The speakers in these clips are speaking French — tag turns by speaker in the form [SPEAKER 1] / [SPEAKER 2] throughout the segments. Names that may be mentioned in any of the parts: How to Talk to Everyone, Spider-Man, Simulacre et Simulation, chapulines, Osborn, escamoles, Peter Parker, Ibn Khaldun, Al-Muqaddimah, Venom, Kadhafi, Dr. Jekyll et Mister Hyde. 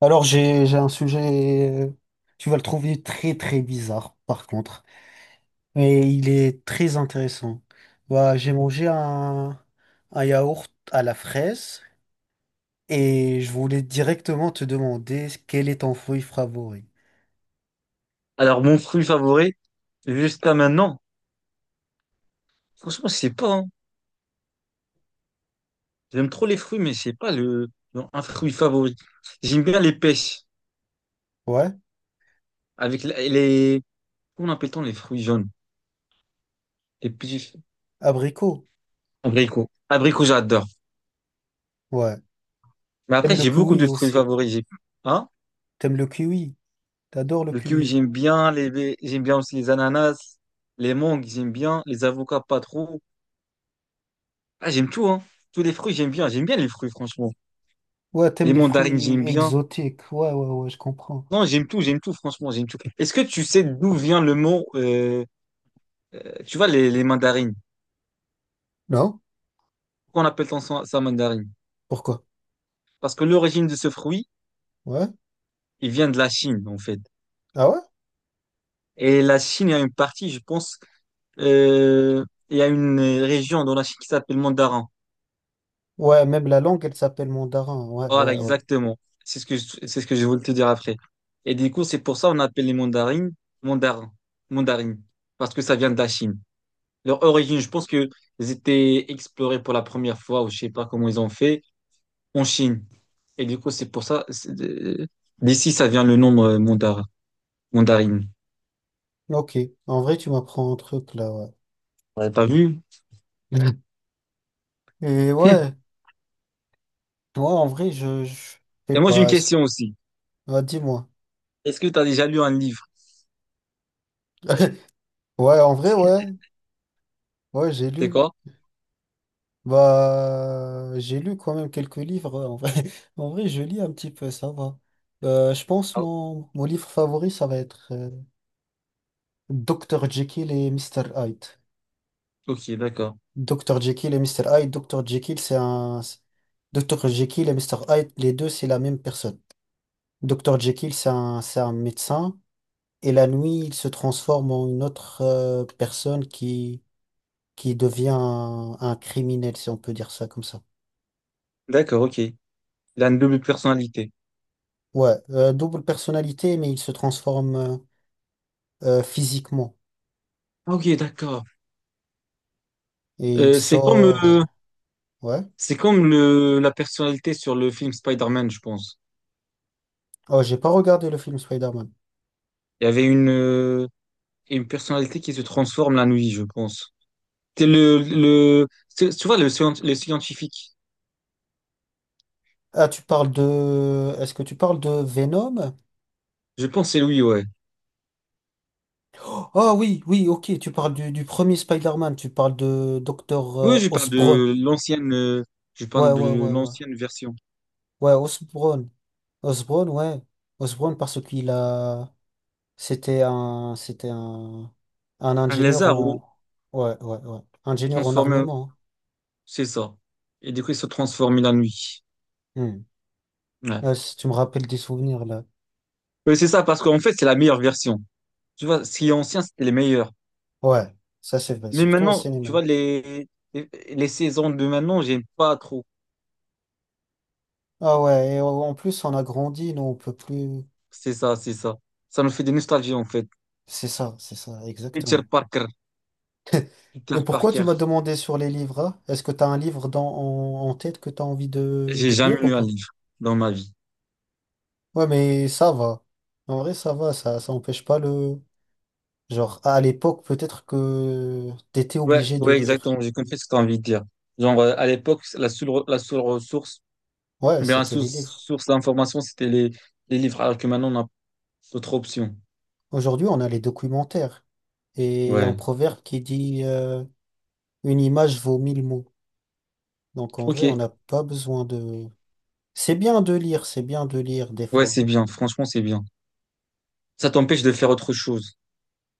[SPEAKER 1] Alors, j'ai un sujet, tu vas le trouver très très bizarre par contre, mais il est très intéressant. Bah, j'ai mangé un yaourt à la fraise et je voulais directement te demander quel est ton fruit favori.
[SPEAKER 2] Alors, mon fruit favori, jusqu'à maintenant, franchement, c'est pas. Hein. J'aime trop les fruits, mais c'est pas le, non, un fruit favori. J'aime bien les pêches,
[SPEAKER 1] Ouais,
[SPEAKER 2] avec les. Comment appelle-t-on les fruits jaunes? Les petits
[SPEAKER 1] abricot.
[SPEAKER 2] abricots. Abricots, j'adore.
[SPEAKER 1] Ouais.
[SPEAKER 2] Mais après,
[SPEAKER 1] T'aimes le
[SPEAKER 2] j'ai beaucoup de
[SPEAKER 1] kiwi
[SPEAKER 2] fruits
[SPEAKER 1] aussi.
[SPEAKER 2] favoris. Hein?
[SPEAKER 1] T'aimes le kiwi. T'adores le
[SPEAKER 2] Le kiwi,
[SPEAKER 1] kiwi.
[SPEAKER 2] j'aime bien. J'aime bien aussi les ananas. Les mangues, j'aime bien. Les avocats, pas trop. Ah, j'aime tout, hein. Tous les fruits, j'aime bien. J'aime bien les fruits, franchement.
[SPEAKER 1] Ouais, t'aimes
[SPEAKER 2] Les
[SPEAKER 1] les
[SPEAKER 2] mandarines,
[SPEAKER 1] fruits
[SPEAKER 2] j'aime bien.
[SPEAKER 1] exotiques. Ouais, ouais, ouais, je comprends.
[SPEAKER 2] Non, j'aime tout, franchement, j'aime tout. Est-ce que tu sais d'où vient le mot, tu vois, les mandarines?
[SPEAKER 1] Non?
[SPEAKER 2] Pourquoi on appelle ça mandarine?
[SPEAKER 1] Pourquoi?
[SPEAKER 2] Parce que l'origine de ce fruit,
[SPEAKER 1] Ouais.
[SPEAKER 2] il vient de la Chine, en fait.
[SPEAKER 1] Ah ouais?
[SPEAKER 2] Et la Chine, il y a une partie, je pense, euh, il y a une région dans la Chine qui s'appelle Mandarin.
[SPEAKER 1] Ouais, même la langue, elle s'appelle mandarin. Ouais,
[SPEAKER 2] Voilà,
[SPEAKER 1] ouais, ouais.
[SPEAKER 2] exactement. C'est ce que c'est ce que je voulais te dire après. Et du coup, c'est pour ça qu'on appelle les mandarines mandarins, mandarines, parce que ça vient de la Chine. Leur origine, je pense que ils étaient explorés pour la première fois, ou je sais pas comment ils ont fait en Chine. Et du coup, c'est pour ça, d'ici, ça vient le nom, mandarine.
[SPEAKER 1] Ok, en vrai, tu m'apprends un truc là, ouais.
[SPEAKER 2] Ouais. T'as vu?
[SPEAKER 1] Et ouais, moi en vrai, je sais
[SPEAKER 2] Et moi, j'ai une
[SPEAKER 1] pas.
[SPEAKER 2] question aussi.
[SPEAKER 1] Ah, dis-moi.
[SPEAKER 2] Est-ce que t'as déjà lu un livre?
[SPEAKER 1] Ouais, en vrai, ouais. Ouais, j'ai
[SPEAKER 2] C'est
[SPEAKER 1] lu.
[SPEAKER 2] quoi?
[SPEAKER 1] Bah, j'ai lu quand même quelques livres. Ouais, en vrai, en vrai, je lis un petit peu, ça va. Je pense
[SPEAKER 2] Ah,
[SPEAKER 1] mon livre favori, ça va être Dr. Jekyll et Mister Hyde.
[SPEAKER 2] ok, d'accord.
[SPEAKER 1] Dr. Jekyll et Mister Hyde. Dr. Jekyll, c'est un. Jekyll et Mister Hyde, les deux, c'est la même personne. Dr. Jekyll, c'est un médecin. Et la nuit, il se transforme en une autre personne qui devient un criminel, si on peut dire ça comme ça.
[SPEAKER 2] D'accord, ok. Il a une double personnalité.
[SPEAKER 1] Ouais, double personnalité, mais il se transforme physiquement.
[SPEAKER 2] Ah, ok, d'accord.
[SPEAKER 1] Et il
[SPEAKER 2] Euh, c'est comme,
[SPEAKER 1] sort.
[SPEAKER 2] euh,
[SPEAKER 1] Ouais.
[SPEAKER 2] c'est comme la personnalité sur le film Spider-Man, je pense.
[SPEAKER 1] Oh, j'ai pas regardé le film Spider-Man.
[SPEAKER 2] Il y avait une personnalité qui se transforme la nuit, je pense. C'est tu vois, le scientifique.
[SPEAKER 1] Ah, Est-ce que tu parles de Venom?
[SPEAKER 2] Je pense que c'est lui, ouais.
[SPEAKER 1] Oh oui, oui, ok, tu parles du premier Spider-Man, tu parles de Docteur
[SPEAKER 2] Oui, je parle
[SPEAKER 1] Osborn.
[SPEAKER 2] de je
[SPEAKER 1] Ouais,
[SPEAKER 2] parle
[SPEAKER 1] ouais,
[SPEAKER 2] de
[SPEAKER 1] ouais, ouais.
[SPEAKER 2] l'ancienne version.
[SPEAKER 1] Ouais, Osborn. Osborn, ouais. Osborn parce qu'il a... C'était un
[SPEAKER 2] Un
[SPEAKER 1] ingénieur
[SPEAKER 2] lézard ou
[SPEAKER 1] en, ouais, ouais, ouais, ingénieur en
[SPEAKER 2] transformé,
[SPEAKER 1] armement.
[SPEAKER 2] c'est ça. Et du coup, il se transforme la nuit.
[SPEAKER 1] Hein. Hmm.
[SPEAKER 2] Ouais.
[SPEAKER 1] Là, si tu me rappelles des souvenirs là.
[SPEAKER 2] Oui, c'est ça, parce qu'en fait, c'est la meilleure version. Tu vois, ce qui est ancien, c'était les meilleurs.
[SPEAKER 1] Ouais, ça c'est vrai,
[SPEAKER 2] Mais
[SPEAKER 1] surtout au
[SPEAKER 2] maintenant,
[SPEAKER 1] cinéma.
[SPEAKER 2] tu vois, les, les saisons de maintenant, j'aime pas trop.
[SPEAKER 1] Ah ouais, et en plus on a grandi, nous on peut plus.
[SPEAKER 2] C'est ça, c'est ça. Ça me fait des nostalgies, en fait.
[SPEAKER 1] C'est ça,
[SPEAKER 2] Peter
[SPEAKER 1] exactement.
[SPEAKER 2] Parker, Peter
[SPEAKER 1] Et pourquoi tu
[SPEAKER 2] Parker.
[SPEAKER 1] m'as demandé sur les livres? Hein. Est-ce que tu as un livre en tête que tu as envie de,
[SPEAKER 2] J'ai
[SPEAKER 1] de
[SPEAKER 2] jamais
[SPEAKER 1] lire ou
[SPEAKER 2] lu un
[SPEAKER 1] pas?
[SPEAKER 2] livre dans ma vie.
[SPEAKER 1] Ouais, mais ça va. En vrai, ça va, ça empêche pas le. Genre, à l'époque, peut-être que t'étais
[SPEAKER 2] Ouais,
[SPEAKER 1] obligé de
[SPEAKER 2] ouais,
[SPEAKER 1] lire.
[SPEAKER 2] exactement. J'ai compris ce que tu as envie de dire. Genre, à l'époque, la seule ressource,
[SPEAKER 1] Ouais,
[SPEAKER 2] ou bien la
[SPEAKER 1] c'était les
[SPEAKER 2] source,
[SPEAKER 1] livres.
[SPEAKER 2] source d'information, c'était les livres, alors que maintenant, on a d'autres options.
[SPEAKER 1] Aujourd'hui, on a les documentaires. Et il y a un
[SPEAKER 2] Ouais.
[SPEAKER 1] proverbe qui dit une image vaut mille mots. Donc en vrai, on
[SPEAKER 2] Ok.
[SPEAKER 1] n'a pas besoin de... C'est bien de lire, c'est bien de lire des
[SPEAKER 2] Ouais,
[SPEAKER 1] fois.
[SPEAKER 2] c'est bien. Franchement, c'est bien. Ça t'empêche de faire autre chose.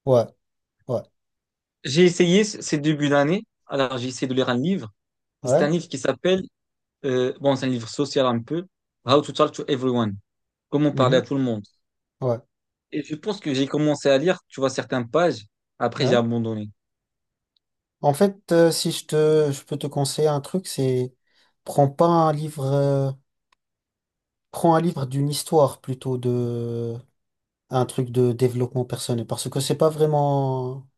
[SPEAKER 1] Ouais, ouais,
[SPEAKER 2] J'ai essayé ces débuts d'année. Alors, j'ai essayé de lire un livre. C'est
[SPEAKER 1] ouais,
[SPEAKER 2] un livre qui s'appelle, bon, c'est un livre social un peu, How to Talk to Everyone. Comment parler à
[SPEAKER 1] mhm,
[SPEAKER 2] tout le monde.
[SPEAKER 1] ouais,
[SPEAKER 2] Et je pense que j'ai commencé à lire, tu vois, certaines pages. Après, j'ai
[SPEAKER 1] ouais.
[SPEAKER 2] abandonné.
[SPEAKER 1] En fait, si je peux te conseiller un truc, c'est prends pas un livre, prends un livre d'une histoire plutôt de un truc de développement personnel, parce que c'est pas vraiment,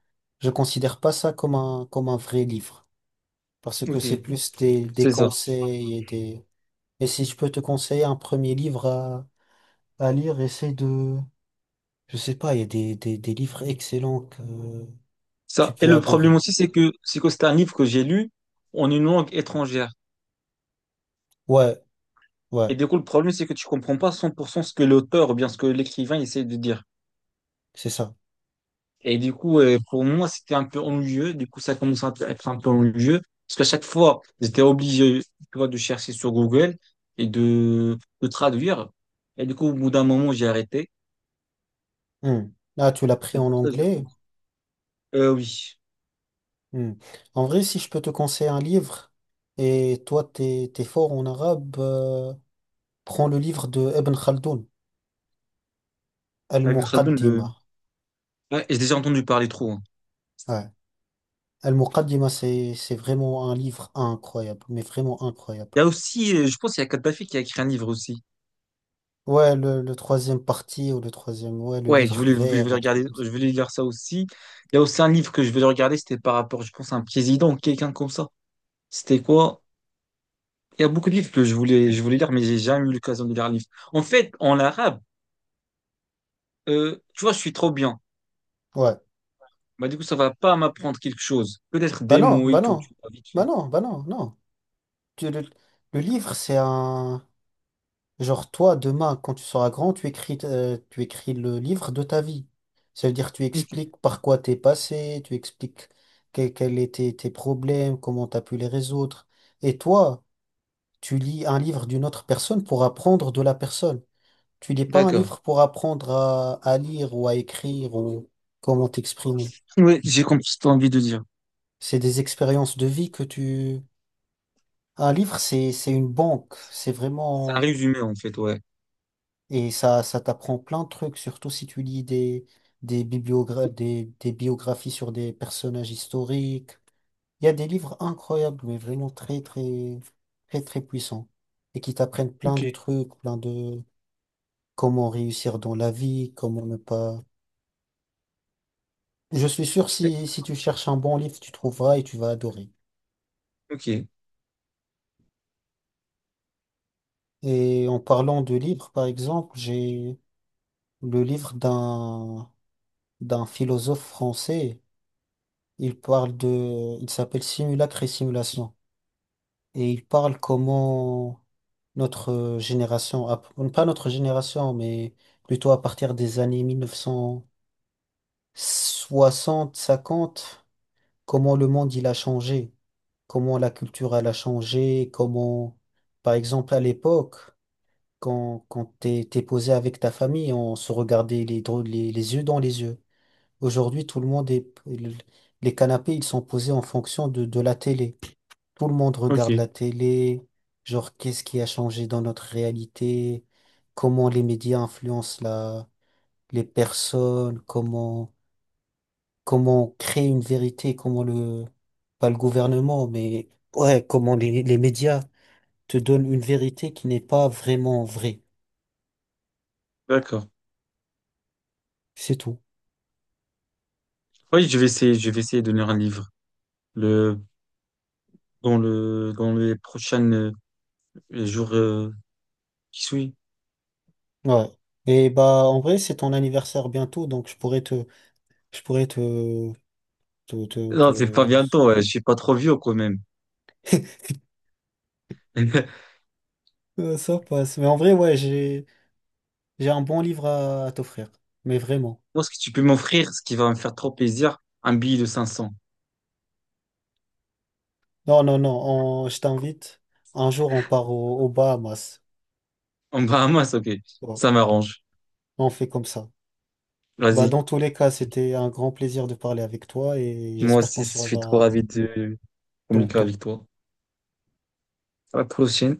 [SPEAKER 1] je considère pas ça comme un vrai livre. Parce que c'est
[SPEAKER 2] Ok.
[SPEAKER 1] plus des
[SPEAKER 2] C'est ça.
[SPEAKER 1] conseils et des... Et si je peux te conseiller un premier livre à lire, essaie de... Je sais pas, il y a des livres excellents que tu
[SPEAKER 2] Ça. Et
[SPEAKER 1] peux
[SPEAKER 2] le problème
[SPEAKER 1] adorer.
[SPEAKER 2] aussi, c'est que c'est un livre que j'ai lu en une langue étrangère.
[SPEAKER 1] Ouais, ouais,
[SPEAKER 2] Et du coup, le problème, c'est que tu comprends pas 100% ce que l'auteur ou bien ce que l'écrivain essaie de dire.
[SPEAKER 1] c'est ça.
[SPEAKER 2] Et du coup, pour moi, c'était un peu ennuyeux. Du coup, ça commence à être un peu ennuyeux. Parce qu'à chaque fois, j'étais obligé, tu vois, de chercher sur Google et de traduire. Et du coup, au bout d'un moment, j'ai arrêté.
[SPEAKER 1] Hmm. Ah, tu l'as pris
[SPEAKER 2] C'est
[SPEAKER 1] en
[SPEAKER 2] pour ça que je
[SPEAKER 1] anglais.
[SPEAKER 2] pense. Oui.
[SPEAKER 1] Hmm. En vrai, si je peux te conseiller un livre, et toi, t'es fort en arabe, prends le livre de Ibn Khaldoun,
[SPEAKER 2] Ibn Khaldun, le...
[SPEAKER 1] Al-Muqaddimah.
[SPEAKER 2] ouais, j'ai déjà entendu parler trop, hein.
[SPEAKER 1] Ouais. Al-Muqaddimah, c'est vraiment un livre incroyable, mais vraiment incroyable.
[SPEAKER 2] Il y a aussi, je pense, il y a Kadhafi qui a écrit un livre aussi.
[SPEAKER 1] Ouais, le troisième parti ou le troisième, ouais, le
[SPEAKER 2] Ouais,
[SPEAKER 1] livre
[SPEAKER 2] je voulais
[SPEAKER 1] vert, un
[SPEAKER 2] regarder,
[SPEAKER 1] truc comme ça.
[SPEAKER 2] je voulais lire ça aussi. Il y a aussi un livre que je voulais regarder, c'était par rapport, je pense, à un président, quelqu'un comme ça. C'était quoi? Il y a beaucoup de livres que je voulais lire, mais j'ai jamais eu l'occasion de lire un livre. En fait, en arabe, tu vois, je suis trop bien.
[SPEAKER 1] Ouais.
[SPEAKER 2] Bah, du coup, ça va pas m'apprendre quelque chose. Peut-être
[SPEAKER 1] Bah
[SPEAKER 2] des
[SPEAKER 1] non,
[SPEAKER 2] mots
[SPEAKER 1] bah
[SPEAKER 2] et tout,
[SPEAKER 1] non,
[SPEAKER 2] tu vois, vite
[SPEAKER 1] bah
[SPEAKER 2] fait.
[SPEAKER 1] non, bah non, non. Tu- le, le livre, c'est un... Genre, toi, demain, quand tu seras grand, tu écris le livre de ta vie. Ça veut dire, tu
[SPEAKER 2] Ok.
[SPEAKER 1] expliques par quoi t'es passé, tu expliques quels étaient tes problèmes, comment t'as pu les résoudre. Et toi, tu lis un livre d'une autre personne pour apprendre de la personne. Tu lis pas un
[SPEAKER 2] D'accord.
[SPEAKER 1] livre pour apprendre à lire ou à écrire ou comment t'exprimer.
[SPEAKER 2] Ouais, j'ai compris ce que t'as envie de dire.
[SPEAKER 1] C'est des expériences de vie que tu... Un livre, c'est une banque. C'est
[SPEAKER 2] C'est un
[SPEAKER 1] vraiment...
[SPEAKER 2] résumé, en fait, ouais.
[SPEAKER 1] Et ça t'apprend plein de trucs, surtout si tu lis des biographies sur des personnages historiques. Il y a des livres incroyables, mais vraiment très, très, très, très puissants. Et qui t'apprennent plein
[SPEAKER 2] Ok.
[SPEAKER 1] de trucs, plein de comment réussir dans la vie, comment ne pas. Je suis sûr, si tu cherches un bon livre, tu trouveras et tu vas adorer.
[SPEAKER 2] Ok.
[SPEAKER 1] Et en parlant de livres, par exemple, j'ai le livre d'un d'un philosophe français. Il parle de, il s'appelle Simulacre et Simulation. Et il parle comment notre génération, pas notre génération, mais plutôt à partir des années mille neuf cent soixante cinquante comment le monde il a changé, comment la culture elle a changé, comment, par exemple, à l'époque. Quand t'es posé avec ta famille, on se regardait les yeux dans les yeux. Aujourd'hui, tout le monde est, les canapés, ils sont posés en fonction de la télé. Tout le monde regarde
[SPEAKER 2] Ok.
[SPEAKER 1] la télé, genre qu'est-ce qui a changé dans notre réalité, comment les médias influencent les personnes, comment créer une vérité, comment pas le gouvernement, mais ouais, comment les médias te donnent une vérité qui n'est pas vraiment vraie.
[SPEAKER 2] D'accord.
[SPEAKER 1] C'est tout.
[SPEAKER 2] Oui, je vais essayer de lire un livre. Le, dans les prochaines, le jour qui suit.
[SPEAKER 1] Ouais. Et bah en vrai, c'est ton anniversaire bientôt, donc je pourrais te te, te,
[SPEAKER 2] Non, c'est pas
[SPEAKER 1] te-
[SPEAKER 2] bientôt, ouais. Je suis pas trop vieux quand même.
[SPEAKER 1] Ça passe. Mais en vrai, ouais, j'ai un bon livre à t'offrir. Mais vraiment.
[SPEAKER 2] Moi, ce que tu peux m'offrir, ce qui va me faire trop plaisir, un billet de 500.
[SPEAKER 1] Non, non, non, je t'invite. Un jour, on part aux Bahamas.
[SPEAKER 2] En Bahamas, ok.
[SPEAKER 1] Ouais,
[SPEAKER 2] Ça m'arrange.
[SPEAKER 1] on fait comme ça. Bah,
[SPEAKER 2] Vas-y.
[SPEAKER 1] dans tous les cas, c'était un grand plaisir de parler avec toi et
[SPEAKER 2] Moi
[SPEAKER 1] j'espère qu'on
[SPEAKER 2] aussi,
[SPEAKER 1] se
[SPEAKER 2] je suis trop
[SPEAKER 1] reverra
[SPEAKER 2] ravi de communiquer
[SPEAKER 1] tantôt.
[SPEAKER 2] avec toi. À la prochaine.